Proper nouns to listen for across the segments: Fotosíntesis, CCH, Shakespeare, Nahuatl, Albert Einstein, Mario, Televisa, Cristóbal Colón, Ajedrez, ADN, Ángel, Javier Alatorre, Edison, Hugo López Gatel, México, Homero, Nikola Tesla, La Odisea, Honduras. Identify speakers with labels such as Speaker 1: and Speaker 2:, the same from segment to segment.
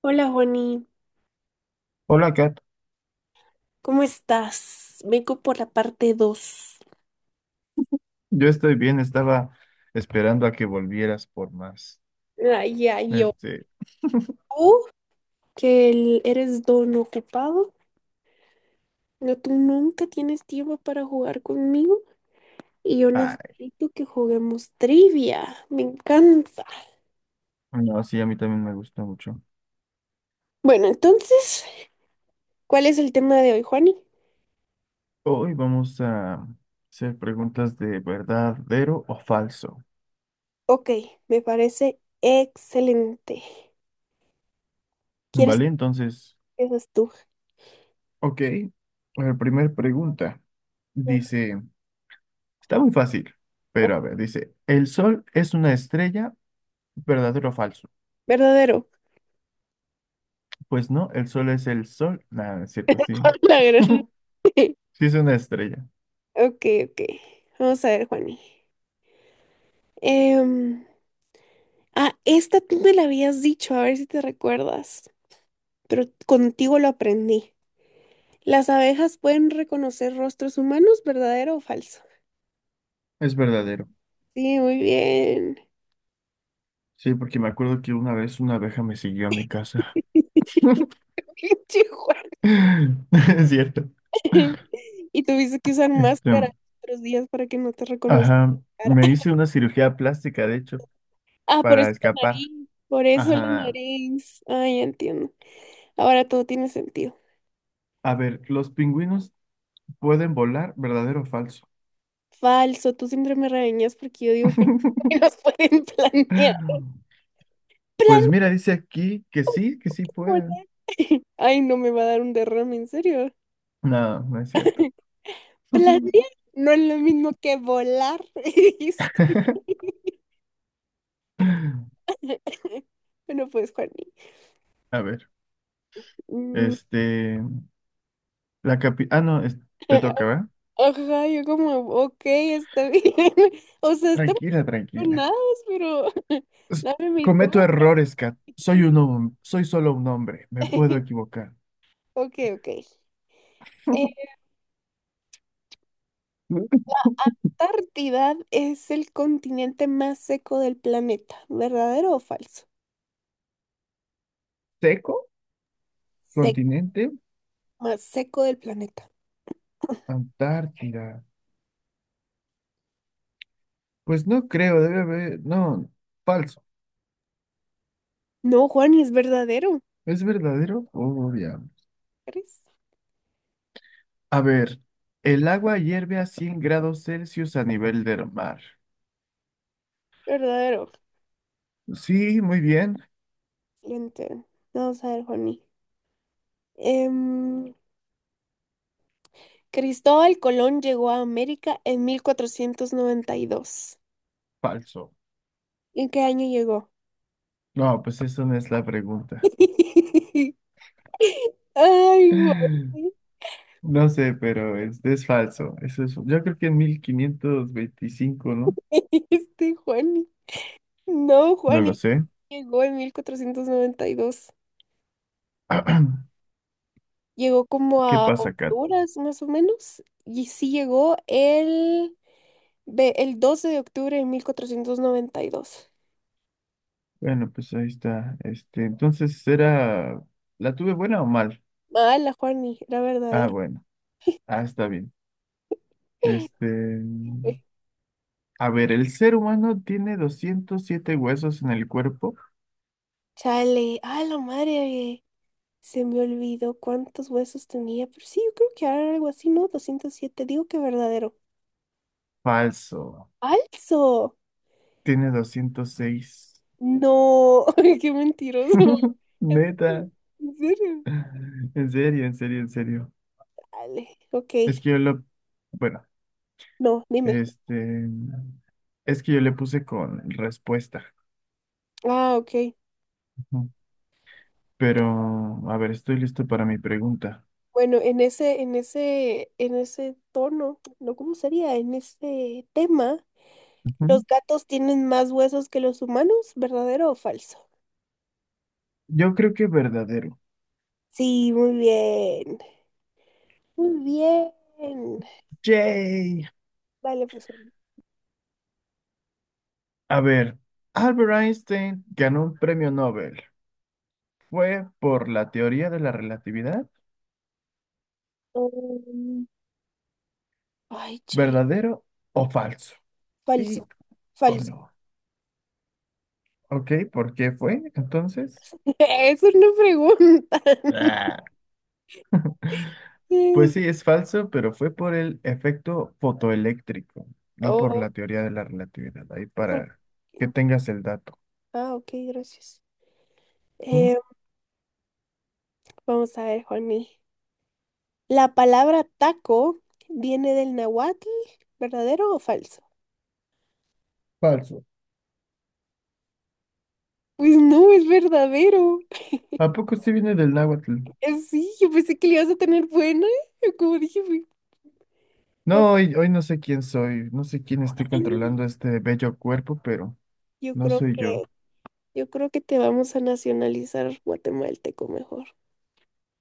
Speaker 1: Hola, Juani,
Speaker 2: Hola, Kat.
Speaker 1: ¿cómo estás? Vengo por la parte 2.
Speaker 2: Yo estoy bien, estaba esperando a que volvieras por más.
Speaker 1: Ay, ay, yo.
Speaker 2: Este,
Speaker 1: Tú, que eres don ocupado, no, tú nunca tienes tiempo para jugar conmigo y yo
Speaker 2: ay,
Speaker 1: necesito que juguemos trivia. Me encanta.
Speaker 2: no, sí, a mí también me gusta mucho.
Speaker 1: Bueno, entonces, ¿cuál es el tema de hoy, Juani?
Speaker 2: Hoy vamos a hacer preguntas de verdadero o falso.
Speaker 1: Ok, me parece excelente. ¿Quieres
Speaker 2: ¿Vale?
Speaker 1: que
Speaker 2: Entonces,
Speaker 1: empieces tú?
Speaker 2: ok. La primera pregunta
Speaker 1: Dale.
Speaker 2: dice, está muy fácil, pero
Speaker 1: Ok.
Speaker 2: a ver, dice, ¿el sol es una estrella? ¿Verdadero o falso?
Speaker 1: Verdadero.
Speaker 2: Pues no, el sol es el sol. Nada, no es cierto, sí.
Speaker 1: La gran-
Speaker 2: Sí es una estrella.
Speaker 1: Ok, ok. Vamos a ver, Juani. Em, ah, esta tú me la habías dicho, a ver si te recuerdas, pero contigo lo aprendí. Las abejas pueden reconocer rostros humanos, ¿verdadero o falso?
Speaker 2: Es verdadero.
Speaker 1: Sí, muy bien.
Speaker 2: Sí, porque me acuerdo que una vez una abeja me siguió a mi casa.
Speaker 1: Chihuahua.
Speaker 2: Es cierto.
Speaker 1: Y tuviste que usar
Speaker 2: Este,
Speaker 1: máscara otros días para que no te reconozcan.
Speaker 2: ajá,
Speaker 1: La cara.
Speaker 2: me hice una cirugía plástica, de hecho,
Speaker 1: Ah, por
Speaker 2: para
Speaker 1: eso la
Speaker 2: escapar.
Speaker 1: nariz, por eso la
Speaker 2: Ajá.
Speaker 1: nariz. Ay, ya entiendo. Ahora todo tiene sentido.
Speaker 2: A ver, ¿los pingüinos pueden volar, verdadero o falso?
Speaker 1: Falso, tú siempre me regañas porque yo digo que los pueden planear. Plan
Speaker 2: Pues mira, dice aquí que sí pueden.
Speaker 1: Ay, no me va a dar un derrame, en serio.
Speaker 2: No, no es cierto.
Speaker 1: Planear no es lo mismo que volar, dijiste. Bueno, pues, Juani.
Speaker 2: A ver,
Speaker 1: Mm.
Speaker 2: este, Ah, no, te toca, ¿verdad?
Speaker 1: Ajá, yo como, ok, está bien. O sea, estamos
Speaker 2: Tranquila, tranquila.
Speaker 1: emocionados, pero
Speaker 2: Es-
Speaker 1: dame mi
Speaker 2: Cometo
Speaker 1: turno.
Speaker 2: errores, Kat. Soy solo un hombre. Me puedo equivocar.
Speaker 1: Ok, ok. Antártida es el continente más seco del planeta. ¿Verdadero o falso?
Speaker 2: ¿Seco?
Speaker 1: Sec-
Speaker 2: ¿Continente?
Speaker 1: más seco del planeta.
Speaker 2: Antártida. Pues no creo, debe haber. No, falso.
Speaker 1: No, Juan, es verdadero.
Speaker 2: ¿Es verdadero? Obvio.
Speaker 1: ¿Crees?
Speaker 2: A ver, el agua hierve a 100 grados Celsius a nivel del mar.
Speaker 1: Verdadero.
Speaker 2: Sí, muy bien.
Speaker 1: Siguiente. Vamos a ver, Juaní. Em, Cristóbal Colón llegó a América en 1492.
Speaker 2: Falso.
Speaker 1: ¿En qué año llegó?
Speaker 2: No, pues eso no es la pregunta.
Speaker 1: Ay, Juani.
Speaker 2: No sé, pero es falso. Eso es, yo creo que en 1525, ¿no?
Speaker 1: Este Juani. No,
Speaker 2: No
Speaker 1: Juani
Speaker 2: lo sé.
Speaker 1: llegó en 1492. Llegó como
Speaker 2: ¿Qué
Speaker 1: a
Speaker 2: pasa, Kat?
Speaker 1: Honduras, más o menos. Y sí llegó el 12 de octubre de 1492.
Speaker 2: Bueno, pues ahí está. Entonces era, ¿la tuve buena o mal?
Speaker 1: Mala, Juani. Era
Speaker 2: Ah,
Speaker 1: verdadero.
Speaker 2: bueno. Ah, está bien. Este, a ver, el ser humano tiene 207 huesos en el cuerpo.
Speaker 1: Chale, ay, la madre, se me olvidó cuántos huesos tenía, pero sí, yo creo que era algo así, ¿no? 207. Digo que verdadero.
Speaker 2: Falso.
Speaker 1: ¡Falso!
Speaker 2: Tiene 206.
Speaker 1: No, qué mentiroso.
Speaker 2: Neta.
Speaker 1: ¿En serio?
Speaker 2: En serio, en serio, en serio.
Speaker 1: Dale, ok.
Speaker 2: Es que yo lo, bueno,
Speaker 1: No, dime.
Speaker 2: este, es que yo le puse con respuesta.
Speaker 1: Ah, ok.
Speaker 2: Ujú. Pero, a ver, estoy listo para mi pregunta.
Speaker 1: Bueno, en ese tono, no, ¿cómo sería? En ese tema,
Speaker 2: Ujú.
Speaker 1: ¿los gatos tienen más huesos que los humanos? ¿Verdadero o falso?
Speaker 2: Yo creo que verdadero.
Speaker 1: Sí, muy bien. Muy bien.
Speaker 2: Yay.
Speaker 1: Dale, pues.
Speaker 2: A ver, Albert Einstein ganó un premio Nobel. ¿Fue por la teoría de la relatividad?
Speaker 1: um, ay, chale.
Speaker 2: ¿Verdadero o falso?
Speaker 1: Falso.
Speaker 2: Sí o
Speaker 1: Falso.
Speaker 2: no. Ok, ¿por qué fue entonces?
Speaker 1: Eso es una pregunta.
Speaker 2: Ah, pues
Speaker 1: Eh,
Speaker 2: sí, es falso, pero fue por el efecto fotoeléctrico, no por
Speaker 1: Oh,
Speaker 2: la teoría de la relatividad. Ahí
Speaker 1: ¿por
Speaker 2: para que tengas el dato.
Speaker 1: Ah, ok, gracias.
Speaker 2: ¿Mm?
Speaker 1: Eh, vamos a ver, Juani. La palabra taco viene del nahuatl, ¿verdadero o falso?
Speaker 2: Falso.
Speaker 1: Pues no, es verdadero.
Speaker 2: ¿A poco sí viene del náhuatl?
Speaker 1: Sí, yo pensé que le ibas a tener buena. Yo Como dije, "Uy, papá,
Speaker 2: No, hoy no sé quién soy, no sé quién esté
Speaker 1: Ani".
Speaker 2: controlando este bello cuerpo, pero
Speaker 1: Yo
Speaker 2: no
Speaker 1: creo
Speaker 2: soy yo.
Speaker 1: que, yo creo que te vamos a nacionalizar guatemalteco mejor.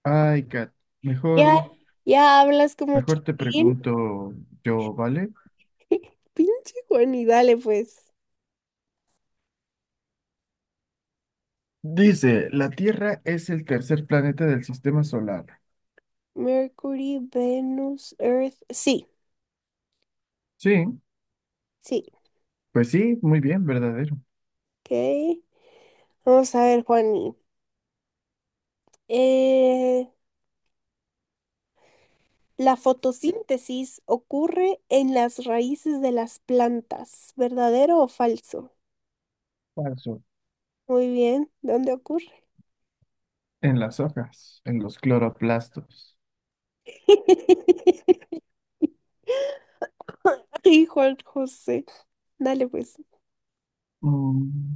Speaker 2: Ay, Kat, mejor,
Speaker 1: Ya, ya hablas como
Speaker 2: mejor te
Speaker 1: Chapín.
Speaker 2: pregunto yo, ¿vale?
Speaker 1: Pinche Juan, y dale pues.
Speaker 2: Dice, la Tierra es el tercer planeta del sistema solar.
Speaker 1: Mercury, Venus, Earth. Sí,
Speaker 2: Sí,
Speaker 1: sí.
Speaker 2: pues sí, muy bien, verdadero.
Speaker 1: Ok. Vamos a ver, Juani. Eh, la fotosíntesis ocurre en las raíces de las plantas. ¿Verdadero o falso?
Speaker 2: Falso.
Speaker 1: Muy bien. ¿Dónde ocurre?
Speaker 2: En las hojas, en los cloroplastos.
Speaker 1: Ay, Juan José. Dale pues.
Speaker 2: Mm,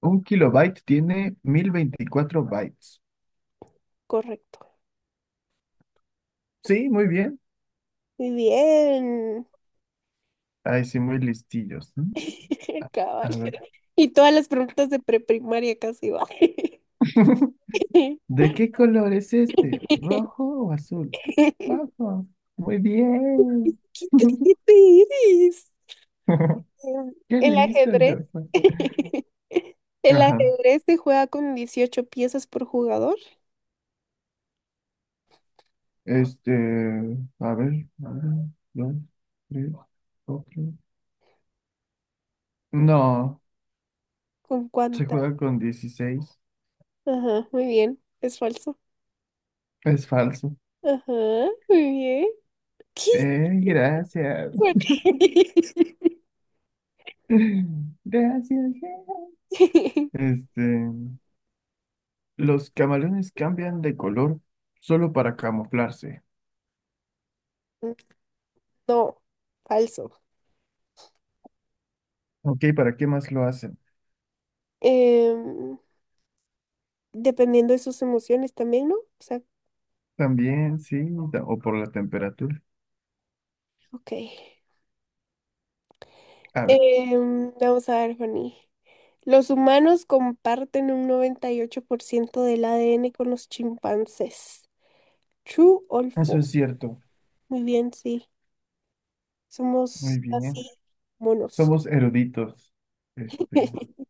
Speaker 2: un kilobyte tiene 1024 bytes.
Speaker 1: Correcto.
Speaker 2: Sí, muy bien.
Speaker 1: Muy bien.
Speaker 2: Ay, sí, muy listillos, ¿no?
Speaker 1: Cabal.
Speaker 2: A ver.
Speaker 1: Y todas las preguntas de preprimaria casi va. ¿Qué
Speaker 2: ¿De qué color es este? ¿Rojo o azul? Rojo. Muy bien.
Speaker 1: inteligente eres? Em,
Speaker 2: Qué
Speaker 1: El
Speaker 2: listo,
Speaker 1: ajedrez.
Speaker 2: yo.
Speaker 1: El
Speaker 2: Ajá.
Speaker 1: ajedrez se juega con 18 piezas por jugador.
Speaker 2: Este, a ver, uno, dos, tres, cuatro. No,
Speaker 1: ¿Con
Speaker 2: se
Speaker 1: cuántas?
Speaker 2: juega con 16.
Speaker 1: Ajá, muy bien. Es falso.
Speaker 2: Es falso.
Speaker 1: Ajá, muy bien. ¿Qué?
Speaker 2: Gracias.
Speaker 1: ¿Por qué?
Speaker 2: Gracias. Este, los camaleones cambian de color solo para camuflarse.
Speaker 1: No, falso.
Speaker 2: Ok, ¿para qué más lo hacen?
Speaker 1: Em, dependiendo de sus emociones también, ¿no? O sea,
Speaker 2: También, sí, o por la temperatura.
Speaker 1: ok.
Speaker 2: A ver,
Speaker 1: Vamos a ver, Fanny. Los humanos comparten un 98% del ADN con los chimpancés. True or
Speaker 2: eso
Speaker 1: false.
Speaker 2: es cierto.
Speaker 1: Muy bien, sí.
Speaker 2: Muy
Speaker 1: Somos
Speaker 2: bien.
Speaker 1: así monos.
Speaker 2: Somos eruditos. Este,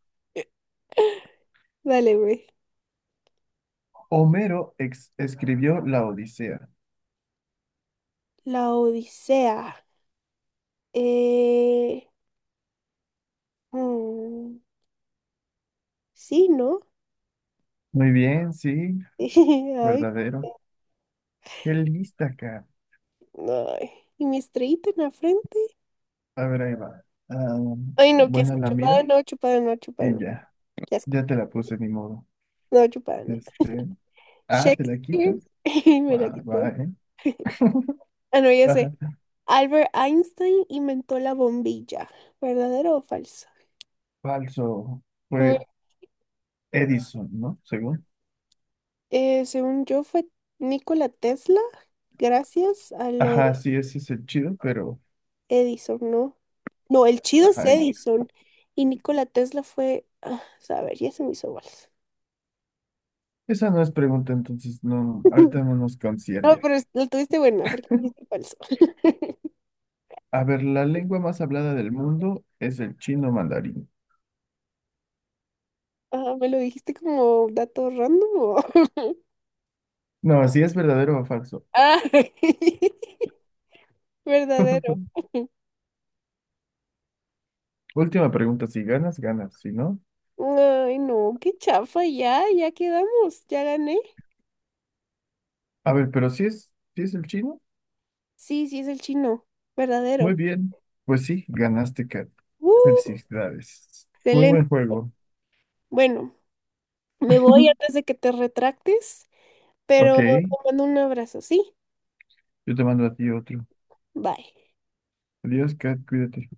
Speaker 1: Dale, güey.
Speaker 2: Homero escribió la Odisea.
Speaker 1: La Odisea. Eh, mm, sí, ¿no?
Speaker 2: Muy bien, sí, verdadero. Qué lista acá.
Speaker 1: Ay, ay. ¿Y mi estrellita en la frente?
Speaker 2: A ver, ahí va. Ah,
Speaker 1: Ay, no, qué asco.
Speaker 2: buena la
Speaker 1: Chupada,
Speaker 2: mira
Speaker 1: no, chupada, no, chupada,
Speaker 2: y
Speaker 1: no.
Speaker 2: ya.
Speaker 1: Qué asco.
Speaker 2: Ya te la puse, ni modo.
Speaker 1: No, chupada, no.
Speaker 2: Este, ah, ¿te la
Speaker 1: Shakespeare.
Speaker 2: quitas?
Speaker 1: Mira que
Speaker 2: Va, va,
Speaker 1: todo.
Speaker 2: ¿eh?
Speaker 1: Ah, no, ya sé.
Speaker 2: Ajá.
Speaker 1: Albert Einstein inventó la bombilla. ¿Verdadero o falso?
Speaker 2: Falso.
Speaker 1: Mm,
Speaker 2: Fue Edison, ¿no? Según.
Speaker 1: según yo fue Nikola Tesla, gracias a lo
Speaker 2: Ajá, sí,
Speaker 1: de
Speaker 2: ese es el chido, pero...
Speaker 1: Edison, ¿no? No, el chido es
Speaker 2: Ajá,
Speaker 1: Edison. Y Nikola Tesla fue, ah, a ver, ya se me hizo bolas.
Speaker 2: esa no es pregunta, entonces no, ahorita no nos
Speaker 1: No,
Speaker 2: concierne.
Speaker 1: pero lo tuviste buena porque dijiste falso.
Speaker 2: A ver, la lengua más hablada del mundo es el chino mandarín.
Speaker 1: Ah, ¿me lo dijiste como dato random o?
Speaker 2: No, si es verdadero o falso.
Speaker 1: Ah, verdadero.
Speaker 2: Última pregunta, si ganas, ganas, si no.
Speaker 1: Ay, no, qué chafa, ya, ya quedamos, ya gané.
Speaker 2: A ver, pero si es el chino,
Speaker 1: Sí, sí es el chino,
Speaker 2: muy
Speaker 1: verdadero.
Speaker 2: bien. Pues sí, ganaste, Kat.
Speaker 1: ¡Uh!
Speaker 2: Felicidades. Muy
Speaker 1: Excelente.
Speaker 2: buen juego.
Speaker 1: Bueno, me voy antes de que te retractes,
Speaker 2: Ok,
Speaker 1: pero te mando un abrazo, ¿sí?
Speaker 2: yo te mando a ti otro.
Speaker 1: Bye.
Speaker 2: Adiós, Kat, cuídate.